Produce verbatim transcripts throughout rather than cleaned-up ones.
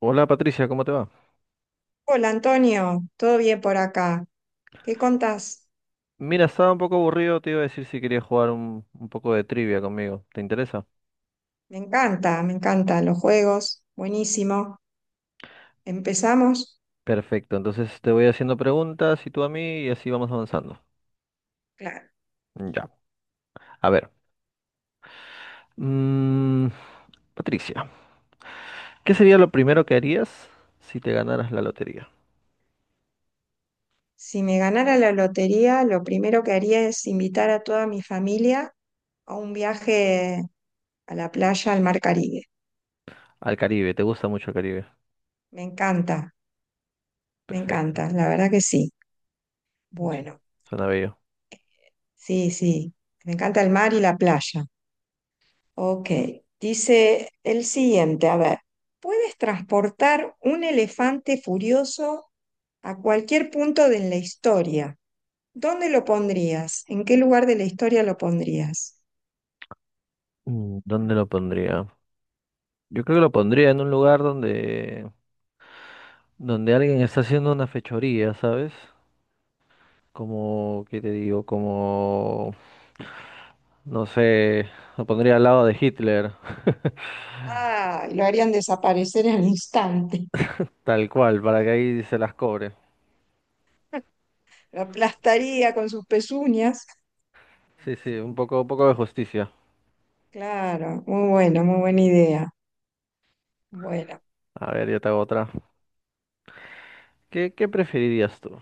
Hola Patricia, ¿cómo te va? Hola Antonio, ¿todo bien por acá? ¿Qué contás? Mira, estaba un poco aburrido, te iba a decir si querías jugar un, un poco de trivia conmigo. ¿Te interesa? Me encanta, me encantan los juegos, buenísimo. ¿Empezamos? Perfecto, entonces te voy haciendo preguntas y tú a mí y así vamos avanzando. Claro. Ya, a ver. mm, Patricia, ¿qué sería lo primero que harías si te ganaras la lotería? Si me ganara la lotería, lo primero que haría es invitar a toda mi familia a un viaje a la playa, al Mar Caribe. Al Caribe, ¿te gusta mucho el Caribe? Me encanta, me Perfecto, encanta, la verdad que sí. sí, Bueno, suena bello. sí, sí, me encanta el mar y la playa. Ok, dice el siguiente, a ver, ¿puedes transportar un elefante furioso a cualquier punto de la historia? ¿Dónde lo pondrías? ¿En qué lugar de la historia lo pondrías? Mm, ¿Dónde lo pondría? Yo creo que lo pondría en un lugar donde, donde alguien está haciendo una fechoría, ¿sabes? Como, ¿qué te digo? Como, no sé, lo pondría al lado de Hitler, Ah, lo harían desaparecer en el instante. tal cual, para que ahí se las cobre. Lo aplastaría con sus pezuñas. Sí, sí, un poco, un poco de justicia. Claro, muy bueno, muy buena idea. Bueno, A ver, yo te hago otra. ¿Qué, qué preferirías tú?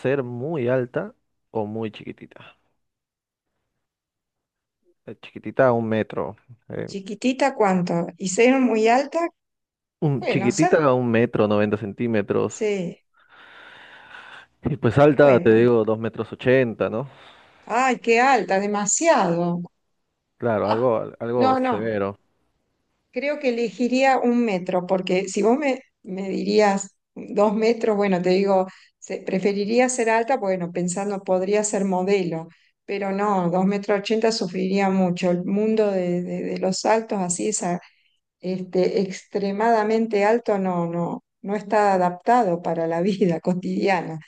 ¿Ser muy alta o muy chiquitita? Eh, Chiquitita a un metro. eh, chiquitita, ¿cuánto? ¿Y ser muy alta? un, Bueno, chiquitita ser, a un metro, noventa centímetros. sí, Y pues alta, te bueno. digo, dos metros ochenta, ¿no? Ay, qué alta, demasiado. Claro, algo, algo No, no, severo. creo que elegiría un metro, porque si vos me, me dirías dos metros, bueno, te digo, se- preferiría ser alta, bueno, pensando podría ser modelo, pero no, dos metros ochenta sufriría mucho. El mundo de, de- de los altos, así, esa, este, extremadamente alto, no, no, no está adaptado para la vida cotidiana.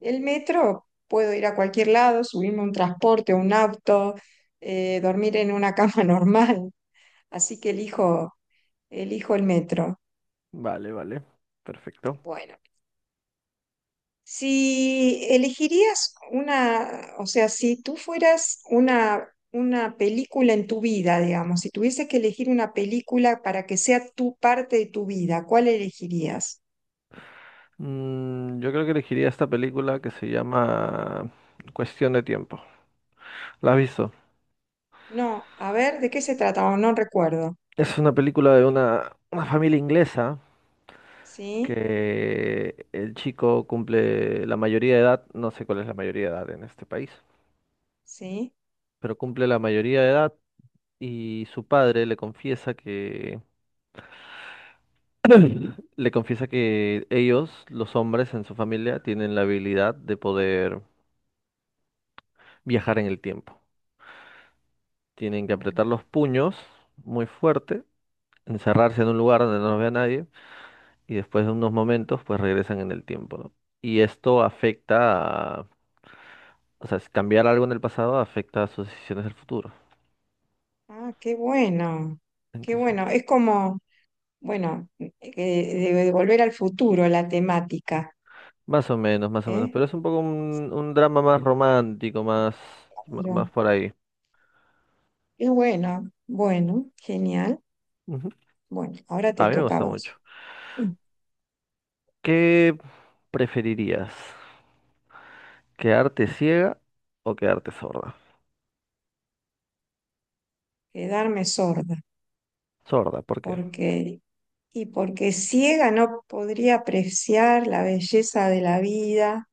El metro, puedo ir a cualquier lado, subirme a un transporte, un auto, eh, dormir en una cama normal. Así que elijo, elijo el metro. Vale, vale. Perfecto. Bueno, si elegirías una, o sea, si tú fueras una, una película en tu vida, digamos, si tuvieses que elegir una película para que sea tu parte de tu vida, ¿cuál elegirías? Mm, yo creo que elegiría esta película que se llama Cuestión de Tiempo. ¿La has visto? No, a ver, ¿de qué se trata? Oh, no recuerdo. Es una película de una, una familia inglesa ¿Sí? que el chico cumple la mayoría de edad, no sé cuál es la mayoría de edad en este país, ¿Sí? pero cumple la mayoría de edad y su padre le confiesa que le confiesa que ellos, los hombres en su familia, tienen la habilidad de poder viajar en el tiempo. Tienen que apretar los puños muy fuerte, encerrarse en un lugar donde no nos vea nadie y después de unos momentos pues regresan en el tiempo, ¿no? Y esto afecta a, o sea, si cambiar algo en el pasado afecta a sus decisiones del futuro. Ah, qué bueno, qué Entonces, bueno. Es como, bueno, eh, de, de volver al futuro la temática, más o menos, más o menos, pero ¿eh? es un poco un, un drama más romántico, más, ma- Claro. más por ahí. Qué bueno, bueno, genial. Ujú. Bueno, ahora te A mí me toca a gusta mucho. vos. Mm. ¿Qué preferirías? ¿Quedarte ciega o quedarte sorda? Quedarme sorda, Sorda, ¿por qué? porque y porque ciega no podría apreciar la belleza de la vida,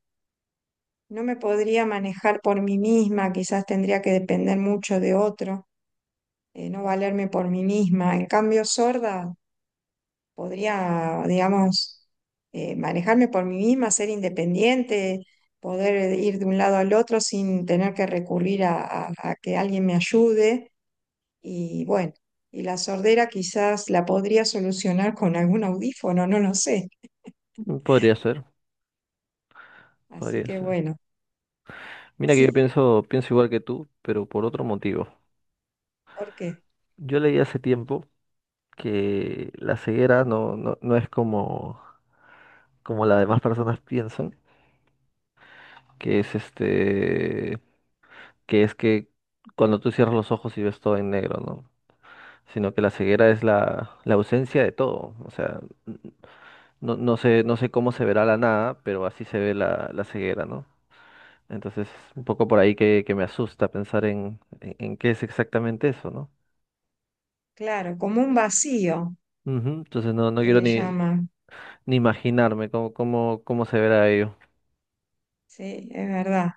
no me podría manejar por mí misma, quizás tendría que depender mucho de otro, eh, no valerme por mí misma. En cambio, sorda podría, digamos, eh, manejarme por mí misma, ser independiente, poder ir de un lado al otro sin tener que recurrir a, a- a que alguien me ayude. Y bueno, y la sordera quizás la podría solucionar con algún audífono, no lo sé. Mm, Podría ser, Así podría que ser. bueno, Mira que yo sí, pienso, pienso igual que tú, pero por otro motivo. porque, Yo leí hace tiempo que la ceguera no, no, no es como, como las demás personas piensan, que es este, que es que cuando tú cierras los ojos y ves todo en negro, ¿no? Sino que la ceguera es la, la ausencia de todo. O sea, n- no, no sé, no sé cómo se verá la nada, pero así se ve la, la ceguera, ¿no? Entonces, un poco por ahí que, que me asusta pensar en, en, en qué es exactamente eso, ¿no? claro, como un vacío Ujú. Entonces no, no que quiero le ni, llaman, ni imaginarme cómo, cómo, cómo se verá ello. sí, es verdad.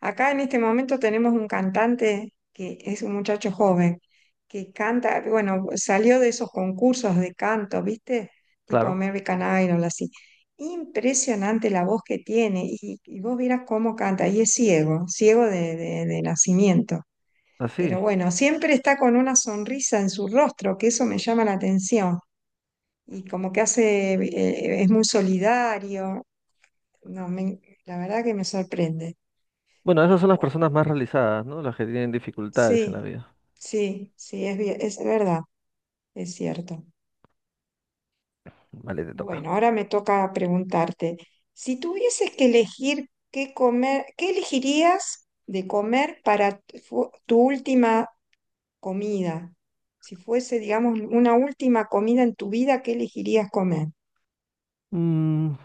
Acá en este momento tenemos un cantante que es un muchacho joven, que canta, bueno, salió de esos concursos de canto, ¿viste? Tipo Claro, American Idol, así. Impresionante la voz que tiene y, y vos vieras cómo canta. Y es ciego, ciego de, de- de nacimiento. así es. Pero bueno, siempre está con una sonrisa en su rostro, que eso me llama la atención. Y como que hace, eh, es muy solidario. No, me- la verdad que me sorprende. Bueno, esas son las Bueno. personas más realizadas, ¿no? Las que tienen dificultades en la Sí, vida. sí, sí, es, vie- es verdad, es cierto. Vale, te toca. Bueno, ahora me toca preguntarte, si tuvieses que elegir qué comer, ¿qué elegirías de comer para tu, fu- tu última comida? Si fuese, digamos, una última comida en tu vida, ¿qué elegirías comer? Mm,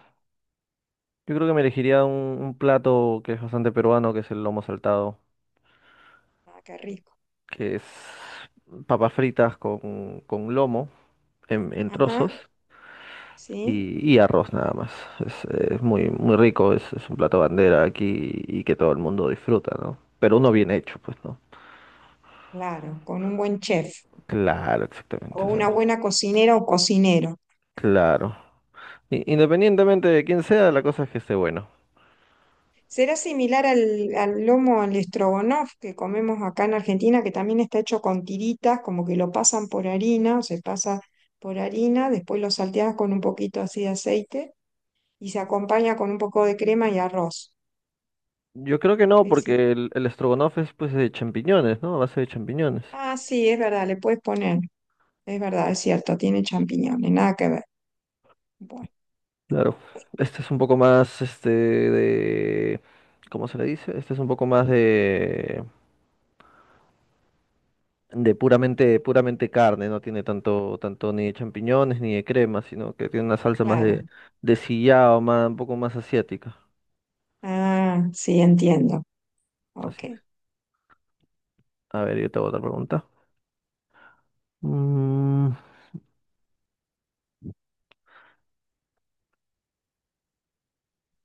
yo creo que me elegiría un, un plato que es bastante peruano, que es el lomo saltado, Ah, qué rico. que es papas fritas con, con lomo en, en trozos Ajá, sí, y, y arroz nada más. Es, es muy, muy rico, es, es un plato bandera aquí y que todo el mundo disfruta, ¿no? Pero uno bien hecho, pues, ¿no? claro, con un buen chef Claro, o exactamente. O una sea, buena cocinera o cocinero. claro. I- Independientemente de quién sea, la cosa es que esté bueno. Será similar al, al lomo, al estrogonoff que comemos acá en Argentina, que también está hecho con tiritas, como que lo pasan por harina, o se pasa por harina, después lo salteas con un poquito así de aceite y se acompaña con un poco de crema y arroz. Yo creo que no, Es decir, porque el, el estrogonoff es pues de champiñones, ¿no? A base de champiñones. ah, sí, es verdad, le puedes poner, es verdad, es cierto, tiene champiñones, nada que ver. Bueno, Claro. Este es un poco más, este, de, ¿cómo se le dice? Este es un poco más de... de puramente, puramente carne, no tiene tanto, tanto ni de champiñones ni de crema, sino que tiene una salsa más de, claro. de sillao, más, un poco más asiática. Ah, sí, entiendo. Ok. Así es. A ver, yo te hago otra pregunta. Mm,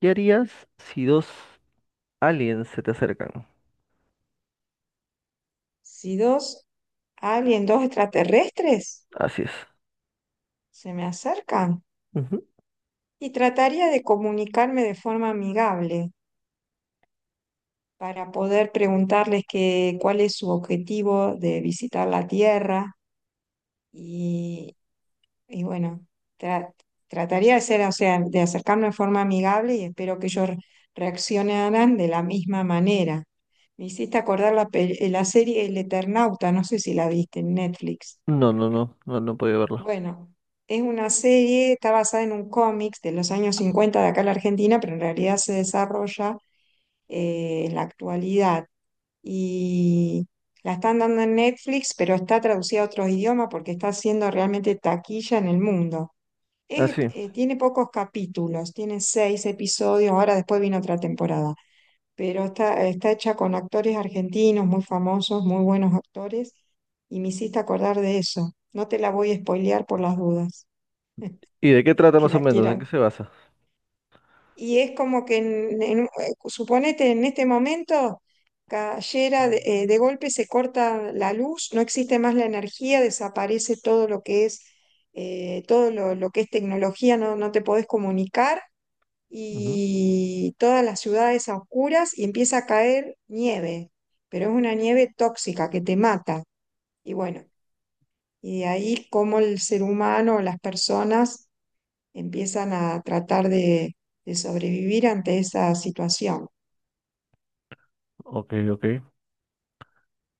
¿Qué harías si dos aliens se te acercan? Si dos, alguien, dos extraterrestres Así es. se me acercan. Ujú. Y trataría de comunicarme de forma amigable para poder preguntarles que, cuál es su objetivo de visitar la Tierra y, y bueno, tra- trataría de ser, o sea, de acercarme de forma amigable y espero que ellos re- reaccionaran de la misma manera. Me hiciste acordar la, pe- la serie El Eternauta, no sé si la viste en Netflix. No, no, no, no, no he podido verlo. Bueno, es una serie, está basada en un cómics de los años cincuenta de acá en la Argentina, pero en realidad se desarrolla eh, en la actualidad. Y la están dando en Netflix, pero está traducida a otros idiomas porque está haciendo realmente taquilla en el mundo. Ah, Es- sí. eh, tiene pocos capítulos, tiene seis episodios, ahora después viene otra temporada, pero está, está hecha con actores argentinos muy famosos, muy buenos actores, y me hiciste acordar de eso. No te la voy a spoilear por las dudas, ¿Y de qué trata que más o la menos? ¿En quieras. qué se basa? Y es como que, en- en- eh, suponete, en este momento cayera de, eh, de golpe, se corta la luz, no existe más la energía, desaparece todo lo que es, eh, todo lo, lo que es tecnología, no, no te podés comunicar Ujú. y todas las ciudades a oscuras y empieza a caer nieve, pero es una nieve tóxica que te mata. Y bueno, y de ahí cómo el ser humano, las personas empiezan a tratar de, de sobrevivir ante esa situación. Ok, ok.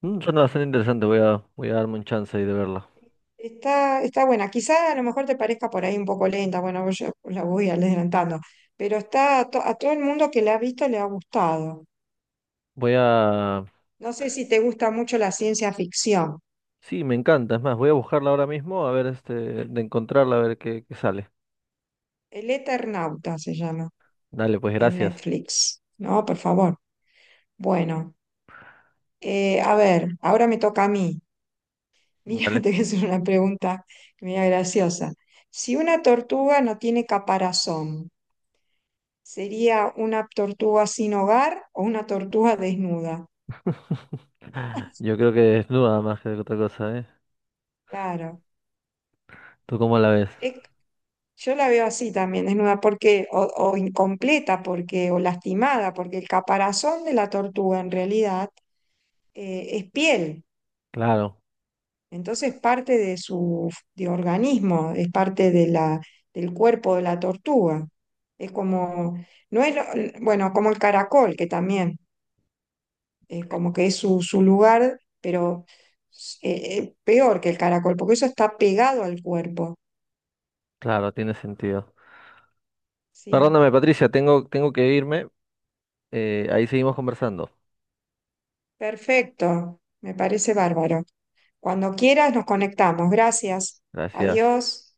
Mm, Suena bastante interesante, voy a, voy a darme un chance ahí de verla. Está, está buena, quizá a lo mejor te parezca por ahí un poco lenta, bueno, yo la voy adelantando, pero está a, to- a todo el mundo que la ha visto le ha gustado. Voy a. No sé si te gusta mucho la ciencia ficción. Sí, me encanta, es más, voy a buscarla ahora mismo, a ver, este, de encontrarla, a ver qué, qué sale. El Eternauta se llama Dale, pues en gracias. Netflix. No, por favor. Bueno, eh, a ver, ahora me toca a mí. Mira, te Dale. voy a hacer una pregunta media graciosa. Si una tortuga no tiene caparazón, sería una tortuga sin hogar o una tortuga desnuda. Yo creo que desnuda más que otra cosa, ¿eh? Claro. ¿Tú cómo la ves? Es- yo la veo así también, desnuda, porque, o, o incompleta, porque, o lastimada, porque el caparazón de la tortuga en realidad eh, es piel. Claro, Entonces parte de su de organismo, es parte de la, del cuerpo de la tortuga. Es como, no es lo- bueno, como el caracol, que también. Eh, como que es su, su lugar, pero eh, eh, peor que el caracol, porque eso está pegado al cuerpo. claro, tiene sentido. Sí, Perdóname, Patricia, tengo, tengo que irme. Eh, ahí seguimos conversando. perfecto, me parece bárbaro. Cuando quieras nos conectamos. Gracias. Gracias. Adiós.